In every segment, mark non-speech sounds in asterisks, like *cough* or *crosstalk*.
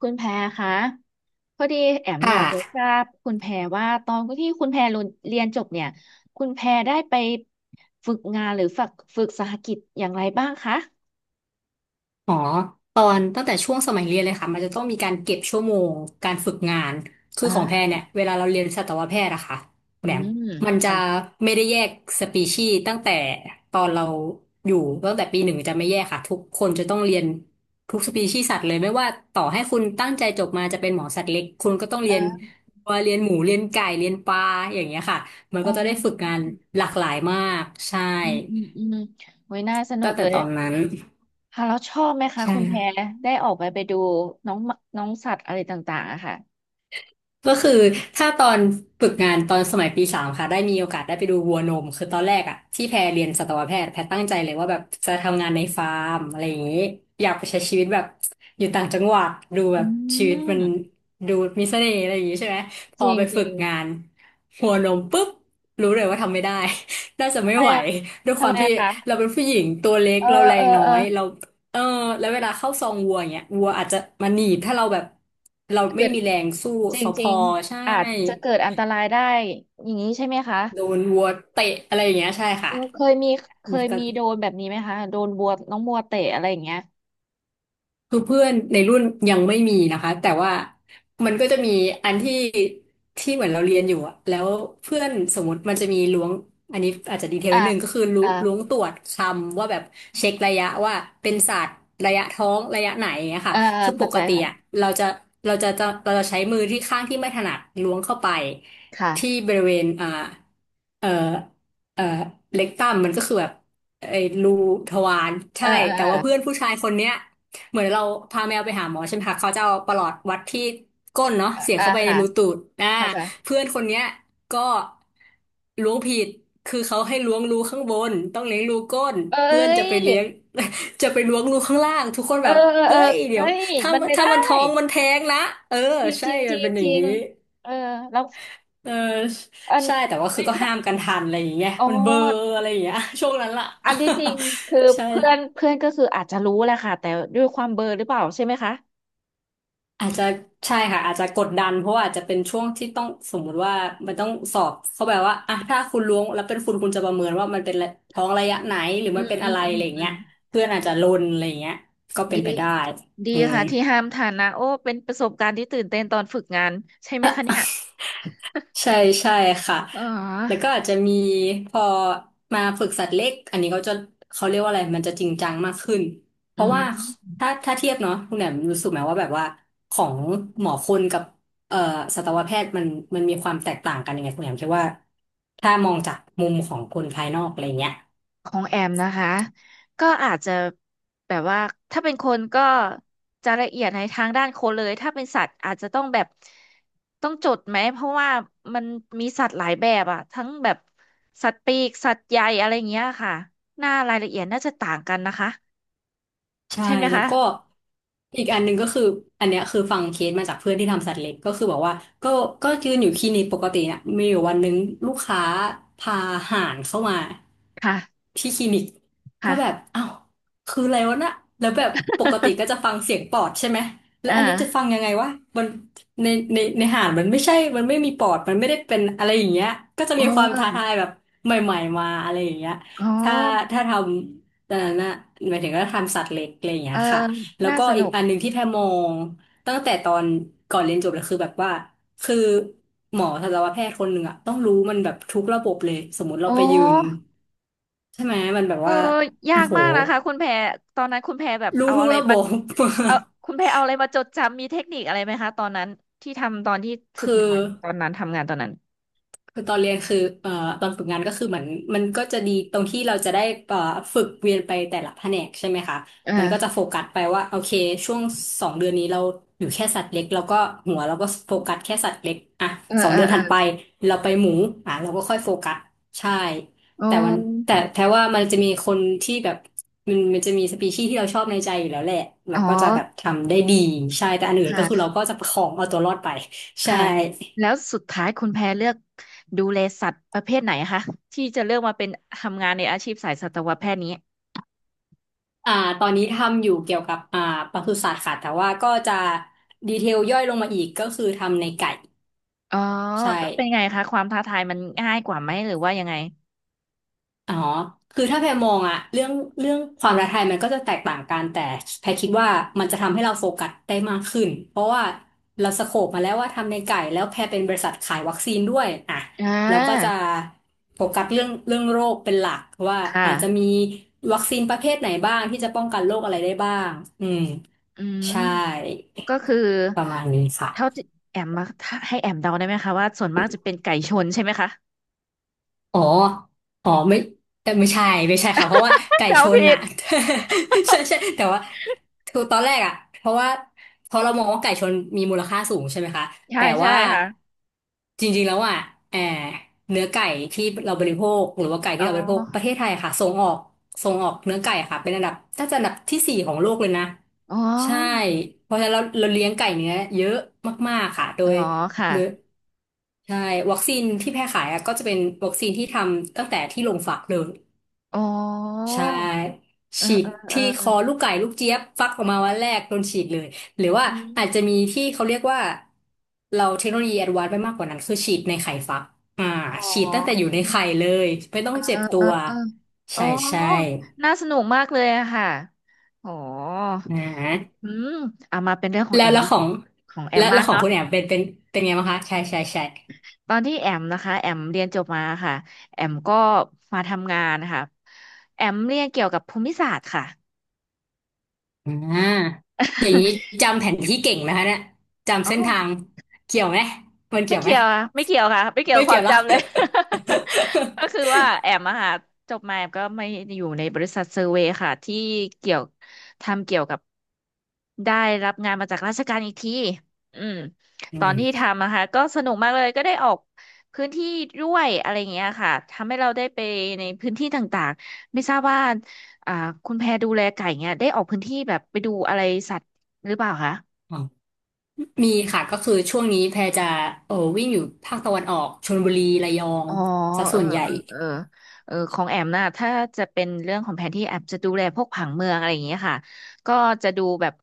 คุณแพรคะพอดีแอมคอยากจะ่ะทราบคุณแพรว่าตอนที่คุณแพรเรียนจบเนี่ยคุณแพรได้ไปฝึกงานหรือฝึกสหกิจอย่างไรบ้างคะอ๋อตอนตั้งแต่ช่วงสมัยเรียนเลยค่ะมันจะต้องมีการเก็บชั่วโมงการฝึกงานคือของแพอ่ารเนี่ยเวลาเราเรียนสัตวแพทย์อะค่ะคุอืณแหม่มมมันจะค่ะไม่ได้แยกสปีชีส์ตั้งแต่ตอนเราอยู่ตั้งแต่ปีหนึ่งจะไม่แยกค่ะทุกคนจะต้องเรียนทุกสปีชีส์สัตว์เลยไม่ว่าต่อให้คุณตั้งใจจบมาจะเป็นหมอสัตว์เล็กคุณก็ต้องเรียนอ่าวัวเรียนหมูเรียนไก่เรียนปลาอย่างเงี้ยค่ะมันอ่ก็จะได้ฝึกงาานหลากหลายมากใช่อืมอืมอืมโอ้ยน่าสนุตั้กงเลแต่ยตอนนั้นค่ะแล้วชอบไหมคะใชคุณแพ่ รได้ออกไปดูน้องน้องสัตว์อะไรต่างๆอะค่ะก็คือถ้าตอนฝึกงานตอนสมัยปีสามค่ะได้มีโอกาสได้ไปดูวัวนมคือตอนแรกอะที่แพรเรียนสัตวแพทย์แพรตั้งใจเลยว่าแบบจะทำงานในฟาร์มอะไรอย่างนี้อยากไปใช้ชีวิตแบบอยู่ต่างจังหวัดดูแบอืบชีวิตมันมดูมีเสน่ห์อะไรอย่างนี้ใช่ไหมพจอริงไปจฝึริกงงานวัวนมปุ๊บรู้เลยว่าทำไม่ได้ *laughs* น่าจะทำไม่ไมไหวอะด้วยคทำวาไมมที่อะเราคะเป็นผู้หญิงตัวเล็กเออเราแรเอองน้อเออยเรา เออแล้วเวลาเข้าซองวัวอย่างเงี้ยวัวอาจจะมาหนีบถ้าเราแบบเราไม่เกิด มีแรงสู้จเขาพริองใช่ๆอาจจะเกิดอันตรายได้อย่างนี้ใช่ไหมคะโดนวัวเตะอะไรอย่างเงี้ยใช่เอค่ะอเคมันยก็ มีโดนแบบนี้ไหมคะโดนบัวน้องบัวเตะอะไรอย่างเงี้ยคือเพื่อนในรุ่นยังไม่มีนะคะแต่ว่ามันก็จะมีอันที่ที่เหมือนเราเรียนอยู่อะแล้วเพื่อนสมมติมันจะมีล้วงอันนี้อาจจะดีเทลอ่านิดนึงก็คืออ่าล้วงตรวจคำว่าแบบเช็คระยะว่าเป็นศาสตร์ระยะท้องระยะไหนอย่างเงี้ยค่ะอ่าคือปเข้าใจกติค่ะอะเราจะเราจะใช้มือที่ข้างที่ไม่ถนัดล้วงเข้าไปที่ค่ะบริเวณเอ่อเอ่อเล็กตัมมันก็คือแบบไอ้รูทวารเออใช่เออแต่เอว่าเพื่อนอผู้ชายคนเนี้ย เหมือนเราพาแมวไปหาหมอใช่ไหมคะเขาจะเอาประหลอดวัดที่ก้นเนาะเสียบเออเข้าไปในค่าค่ะรูตูดเข้าใจเพื่อนคนเนี้ยก็ล้วงผิดคือเขาให้ล้วงรูข้างบนต้องเลี้ยงรูก้นเอ้เพื่อนจะไปยเลี้ยง *laughs* จะไปล้วงรูข้างล่างทุกคนเอแบอบเออเอเฮ้อยเดี๋เอ้ยวยถ้ามันไม่ถ้าได้มันท้องมันแท้งนะเออจริงจใช่ริงจมันริงเป็นอจย่างริงนี้เออแล้วเอออันใช่แต่ว่าเอ้คือยก็ถ้าห้ามกันทันอะไรอย่างเงี้ยอ๋อมันเบลอร์อะไรอย่างเงี้ย *laughs* ช่วงนั้นล่ะ *laughs* อันที่จริงคือเพื่อนใช่ เพื่อนก็คืออาจจะรู้แหละค่ะแต่ด้วยความเบลอหรือเปล่าใช่ไหมคะอาจจะใช่ค่ะอาจจะกดดันเพราะว่าอาจจะเป็นช่วงที่ต้องสมมุติว่ามันต้องสอบเขาแบบว่าอ่ะถ้าคุณล้วงแล้วเป็นคุณคุณจะประเมินว่ามันเป็นท้องระยะไหนหรืออืมันมเป็นอือะมไรอืมอะไรอย่าอืงเงี้ม ยเพื่อนอาจจะลนอะไรอย่างเงี้ยก็เป็ดีนไปได้ดีอืม ค่ะที่ห้ามทานนะโอ้เป็นประสบการณ์ที่ตื่นเต้นตอนฝึกงานใช่ไหมคะเนี่ยใช่ใช่ค่ะ อ๋อแล้วก็อาจจะมีพอมาฝึกสัตว์เล็กอันนี้เขาจะเขาเรียกว่าอะไรมันจะจริงจังมากขึ้น เพอืราะว่ามถ้าเทียบเนาะคุณแหนมรู้สึกไหมว่าแบบว่าของหมอคนกับเอ่อสัตวแพทย์มันมีความแตกต่างกันยังไงคุณแหนมคิดว่าถ้ามองจากมุมของคนภายนอกอะไรเงี้ย ของแอมนะคะก็อาจจะแบบว่าถ้าเป็นคนก็จะละเอียดในทางด้านคนเลยถ้าเป็นสัตว์อาจจะต้องแบบต้องจดไหมเพราะว่ามันมีสัตว์หลายแบบอะทั้งแบบสัตว์ปีกสัตว์ใหญ่อะไรอย่างเงี้ยค่ะหน้ารายละเอียดน่าจะต่างกันนะคะใช่ใช่ไหมแล้วคะก็อีกอันหนึ่งก็คืออันเนี้ยคือฟังเคสมาจากเพื่อนที่ทำสัตว์เล็กก็คือบอกว่าก็ก็ยืนอยู่คลินิกปกติเนี่ยมีอยู่วันหนึงลูกค้าพาห่านเข้ามาค่ะที่คลินิกก็ค่ะ แบบอ้าวคืออะไรวะน่ะแล้วแบบปกติก็จะฟังเสียงปอดใช่ไหม *laughs* แล้วอ่าอันนี้จะฟังยังไงวะมันในในห่านมันไม่ใช่มันไม่มีปอดมันไม่ได้เป็นอะไรอย่างเงี้ยก็จะโอมีความท้า้ ทายแบบใหม่ๆมาอะไรอย่างเงี้ยอ๋อถ้าถ้าทำ แตอนนั้นน่ะหมายถึงก็ทำสัตว์เล็กอะไรอย่างเงี้เออยค่ะแล้วน่าก็สอีนุกกอันหนึ่งที่แพรมองตั้งแต่ตอนก่อนเรียนจบเลยคือแบบว่าคือหมอทันตวแพทย์คนหนึ่งอะต้องรู้มันแบบทุกระบบเลยสมมติเราอ๋อไปยืนใช่ไหมมันแบบเอว่าอยาโอ้กโหมากนะคะคุณแพรตอนนั้นคุณแพรแบบรู้เอาทุอะกไรระบมาบ เอาคุณแพรเอาอะไรมาจดจำมีเทคนิคอะไรไหมคะตอนนั้นที่ทำตอนที่ *laughs* ฝึกคือ งานตอนนั้นทำงานตอนนั้นคือตอนเรียนคือตอนฝึกงานก็คือเหมือนมันก็จะดีตรงที่เราจะได้เอ่อฝึกเวียนไปแต่ละแผนกใช่ไหมคะอมันก็จะอาโฟกัสไปว่าโอเคช่วงสองเดือนนี้เราอยู่แค่สัตว์เล็กแล้วก็หัวเราก็โฟกัสแค่สัตว์เล็กอ่ะเออสองเออเดือนเออถัดไปเราไปหมูอ่ะเราก็ค่อยโฟกัสใช่โอแต่วันแต่้แท้ว่ามันจะมีคนที่แบบมันจะมีสปีชีส์ที่เราชอบในใจอยู่แล้วแหละเราอ๋อก็จะแบบทำได้ดีใช่แต่อันอื่นก็คือเราค่ะ ก็จะประคองเอาตัวรอดไป *laughs* ใช่ ค่ะแล้วสุดท้ายคุณแพรเลือกดูแลสัตว์ประเภทไหนคะที่จะเลือกมาเป็นทำงานในอาชีพสายสัตวแพทย์นี้อ่าตอนนี้ทำอยู่เกี่ยวกับปศุสัตว์ค่ะแต่ว่าก็จะดีเทลย่อยลงมาอีกก็คือทำในไก่อ๋อใช่แล้วเป็นไงคะความท้าทายมันง่ายกว่าไหมหรือว่ายังไงอ๋อคือถ้าแพรมองอะเรื่องความท้าทายมันก็จะแตกต่างกันแต่แพรคิดว่ามันจะทำให้เราโฟกัสได้มากขึ้นเพราะว่าเราสโคปมาแล้วว่าทำในไก่แล้วแพรเป็นบริษัทขายวัคซีนด้วยอ่ะอ่เราก็จะา โฟกัสเรื่องโรคเป็นหลักว่าคอาจจะมี่ะ วัคซีนประเภทไหนบ้างที่จะป้องกันโรคอะไรได้บ้างอืมอืม ใช่ก็คือประมาณนี้ค่ะ เท่าที่แอมมาถ้าให้แอมเดาได้ไหมคะว่าส่วนมากจะเป็นไก่ชนใช่ไหมคะ อ๋ออ๋อไม่แต่ไม่ใช่ไม่ใช่ค่ะเพราะว่า *laughs* ไก่เดาชนผิน่ะ ด *laughs* ใช่ใช่แต่ว่าคือตอนแรกอ่ะเพราะว่าเพราะเรามองว่าไก่ชนมีมูลค่าสูงใช่ไหมคะใช่แต่ใช่ว่าค่ะจริงๆแล้วอ่ะแออเนื้อไก่ที่เราบริโภคหรือว่าไก่อ๋ที่อเราบริโภคประเทศไทยค่ะส่งออกส่งออกเนื้อไก่ค่ะเป็นอันดับน่าจะอันดับที่สี่ของโลกเลยนะอ๋อใช่เพราะฉะนั้นเราเลี้ยงไก่เนื้อเยอะมากๆค่ะโดอ๋อย ค่ะโดยใช่วัคซีนที่แพร่ขายอะก็จะเป็นวัคซีนที่ทำตั้งแต่ที่โรงฝากเลยอ๋อใช่เออฉีดเออเออที่คอลูกไก่ลูกเจี๊ยบฟักออกมาวันแรกโดนฉีดเลยหรือว่าอือาจจะมีมที่เขาเรียกว่าเราเทคโนโลยีแอดวานซ์ไปมากกว่านั้นคือฉีดในไข่ฟักอ่าอ๋ฉีดตั้งแต่ออยู่ในไข่เลยไม่ต้อเองอเจ็บตัเออวเอออ๋อใช่ใช่น่าสนุกมากเลยอะค่ะ อ๋ออ่าอืมเอามาเป็นเรื่องของแล้แอวมแล้วของของแอแล้มวแล้บ้าวงของเนาะ คุณแอมเป็นไงบ้างคะใช่ใช่ใช่ ตอนที่แอมนะคะแอมเรียนจบมาค่ะแอมก็มาทำงานค่ะแอมเรียนเกี่ยวกับภูมิศาสตร์ค่ะ อ่าอย่างนี้ *laughs* จำแผนที่เก่งนะคะเนี่ยจำอ๋อ เส้นทางเกี่ยวไหมมันไม่เกี่ยวไหมเกี่ยวค่ะไม่เกี่ยวค่ะไม่เกี่ยวไม่กับคเกี่วายมวหรอจำเลย ก *laughs* ก็คือว่าแอมอะค่ะจบมาแอมก็ไม่อยู่ในบริษัทเซอร์เวย์ค่ะที่เกี่ยวทำเกี่ยวกับได้รับงานมาจากราชการอีกทีอืมอืตอนที่มทำนะคะก็สนุกมากเลยก็ได้ออกพื้นที่ด้วยอะไรอย่างเงี้ยค่ะทำให้เราได้ไปในพื้นที่ต่างๆไม่ทราบว่าอ่าคุณแพรดูแลไก่เงี้ยได้ออกพื้นที่แบบไปดูอะไรสัตว์หรือเปล่าคะ อ๋อมีค่ะก็คือช่วงนี้แพรจะเออวิ่งอยู่ภาคตะวันออกชลบุรีระยองอ๋อซะเอส่อวนใหญ่เออเออเออของแอมนะถ้าจะเป็นเรื่องของแผนที่แอมจะดูแลพวกผังเมืองอะไรอย่างเงี้ยค่ะ ก็จะดูแบบ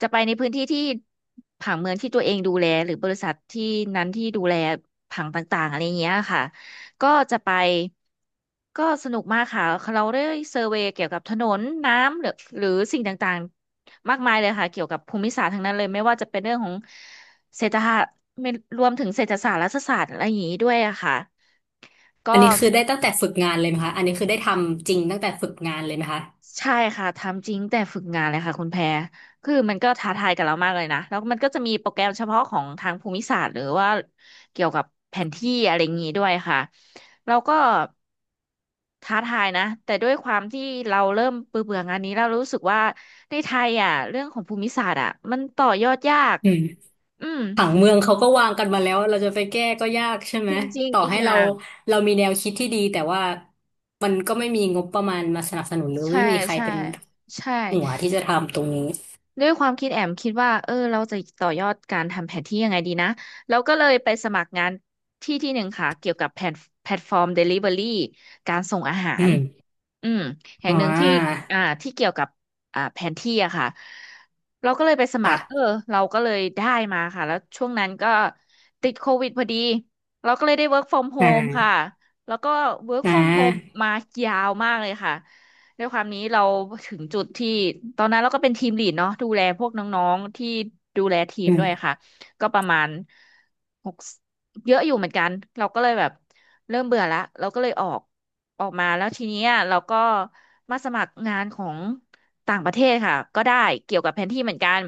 จะไปในพื้นที่ที่ผังเมืองที่ตัวเองดูแลหรือบริษัทที่นั้นที่ดูแลผังต่างๆอะไรอย่างเงี้ยค่ะก็จะไปก็สนุกมากค่ะเราได้เซอร์เวย์เกี่ยวกับถนนน้ำหรือหรือสิ่งต่างๆมากมายเลยค่ะเกี่ยวกับภูมิศาสตร์ทั้งนั้นเลยไม่ว่าจะเป็นเรื่องของเศรษฐศาสตร์ไม่รวมถึงเศรษฐศาสตร์รัฐศาสตร์อะไรอย่างนี้ด้วยอะค่ะ อัก็นนี้คือได้ตั้งแต่ฝึกงานเลยไหมคะอันนี้คือได้ทำจริงตั้งแต่ฝึกงานเลยไหมคะใช่ค่ะทำจริงแต่ฝึกงานเลยค่ะคุณแพรคือมันก็ท้าทายกับเรามากเลยนะแล้วมันก็จะมีโปรแกรมเฉพาะของทางภูมิศาสตร์หรือว่าเกี่ยวกับแผนที่อะไรอย่างนี้ด้วยค่ะเราก็ท้าทายนะแต่ด้วยความที่เราเริ่มเบื่อเบื่องานนี้เรารู้สึกว่าในไทยอ่ะเรื่องของภูมิศาสตร์อ่ะมันต่อยอดยากอืม อืมผังเมืองเขาก็วางกันมาแล้วเราจะไปแก้ก็ยากใช่ไหมจริงต่อๆอีกให้อเราย่างเรามีแนวคิดที่ดีแต่ว่ามันก็ไม่มีงบประมาณมาสนับสนุนหรือใช่ไม่มีใครใช่เป็นใช่ หัวที่จะทำตรงนี้ด้วยความคิดแอมคิดว่าเออเราจะต่อยอดการทำแผนที่ยังไงดีนะแล้วก็เลยไปสมัครงานที่ที่หนึ่งค่ะเกี่ยวกับแพลตฟอร์มเดลิเวอรี่การส่งอาหารอืมอืมแห่อ๋งหนึ่งที่อที่เกี่ยวกับแผนที่อะค่ะเราก็เลยไปสมัคค่ะรเออเราก็เลยได้มาค่ะแล้วช่วงนั้นก็ติดโควิดพอดีเราก็เลยได้ work from อ่ home ค่ะาแล้วก็ work อ่ from home ามายาวมากเลยค่ะ ด้วยความนี้เราถึงจุดที่ตอนนั้นเราก็เป็นทีมลีดเนาะดูแลพวกน้องๆที่ดูแลทีมอืด้วยมค่ะก็ประมาณหกเยอะอยู่เหมือนกันเราก็เลยแบบเริ่มเบื่อละเราก็เลยออกมาแล้วทีเนี้ยเราก็มาสมัครงานของต่างประเทศค่ะก็ได้เกี่ยวกับแผนที่เหมือนกัน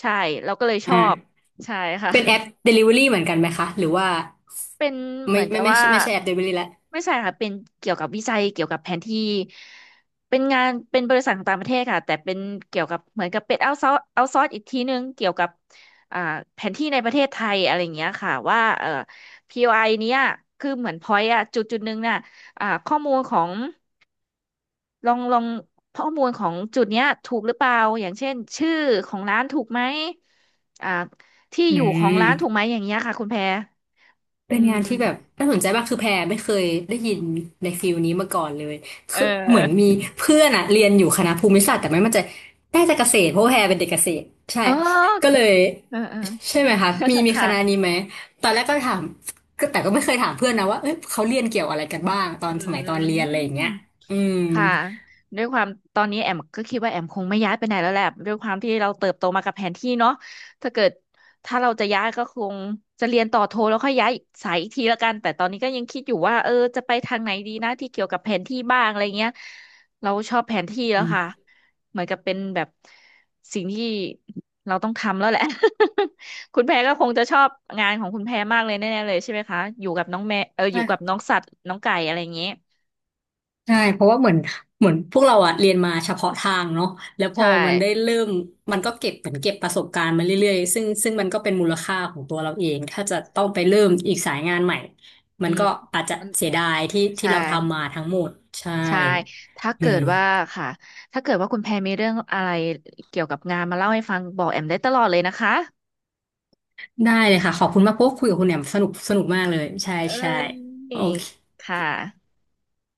ใช่เราก็เลยชออบ่าใช่ค่ะ เป็นแอป Delivery เหมือนกันไหมคะหรือว่าเป็นเหไม่มือนกัไม่บไม่ว่าใช่ไม่ใช่แอป Delivery ละไม่ใช่ค่ะเป็นเกี่ยวกับวิจัยเกี่ยวกับแผนที่เป็นงานเป็นบริษัทของต่างประเทศค่ะแต่เป็นเกี่ยวกับเหมือนกับเป็นเอาซอร์อีกทีนึงเกี่ยวกับอ่าแผนที่ในประเทศไทยอะไรอย่างเงี้ยค่ะว่าPOI เนี้ยคือเหมือนพอยต์อะจุดจุดนึงน่ะข้อมูลของลองข้อมูลของจุดเนี้ยถูกหรือเปล่าอย่างเช่นชื่อของร้านถูกไหมอ่าที่อือยู่ของร้านถูกม ไหมอย่างเงี้ยค่ะคุณแพรอืเป็นมงานที่แบบน่าสนใจมากคือแพรไม่เคยได้ยินในฟิลนี้มาก่อนเลยเอคือเหมือนมีอ เพื่อนอะเรียนอยู่คณะภูมิศาสตร์แต่ไม่มั่นใจน่าจะเกษตรเพราะว่าแพรเป็นเด็กเกษตรใช่อ๋อก็เลยเออเออ ใช่ไหมคะมี *laughs* คค่ะ ณะนี้ไหมตอนแรกก็ถามก็แต่ก็ไม่เคยถามเพื่อนนะว่าเอ้ยเขาเรียนเกี่ยวอะไรกันบ้างตออืนสมัยตอนเรีม ยนอะไรอย่างเงี้ยอืมค่ะด้วยความตอนนี้แอมก็คิดว่าแอมคงไม่ย้ายไปไหนแล้วแหละด้วยความที่เราเติบโตมากับแผนที่เนาะถ้าเกิดถ้าเราจะย้ายก็คงจะเรียนต่อโทแล้วค่อยย้ายสายอีกทีละกันแต่ตอนนี้ก็ยังคิดอยู่ว่าเออจะไปทางไหนดีนะที่เกี่ยวกับแผนที่บ้างอะไรเงี้ยเราชอบแผนที่แล้อืวม ค่ะเหมือนกับเป็นแบบสิ่งที่เราต้องทำแล้วแหละ *laughs* คุณแพรก็คงจะชอบงานของคุณแพรมากเลยแน่ๆเลยใช่ไหมคะอยู่กับน้องแม่เอออยู่กับน้องสัตว์น้องไก่อะไรอย่างเงี้ยใช่เพราะว่าเหมือนเหมือนพวกเราอะเรียนมาเฉพาะทางเนาะแล้วพอใช่ มันได้เริ่มมันก็เก็บเหมือนเก็บประสบการณ์มาเรื่อยๆซึ่งมันก็เป็นมูลค่าของตัวเราเองถ้าจะต้องไปเริ่มอีกสายงานใหม่มัอืนมก็อาจจะมันเสียดายที่ที่ใช่เราทำมาทั้งหมดใช่ใช่ถ้าอืเกิดว่ามค่ะถ้าเกิดว่าคุณแพรมีเรื่องอะไรเกี่ยวกับงานมาเล่าให้ฟังบอกแอมได้ตลอดเลยนะคะได้เลยค่ะขอบคุณมากพวกคุยกับคุณแหม่มสนุกสนุกมากเลยใช่เอ้ใช่โอยเคค่ะ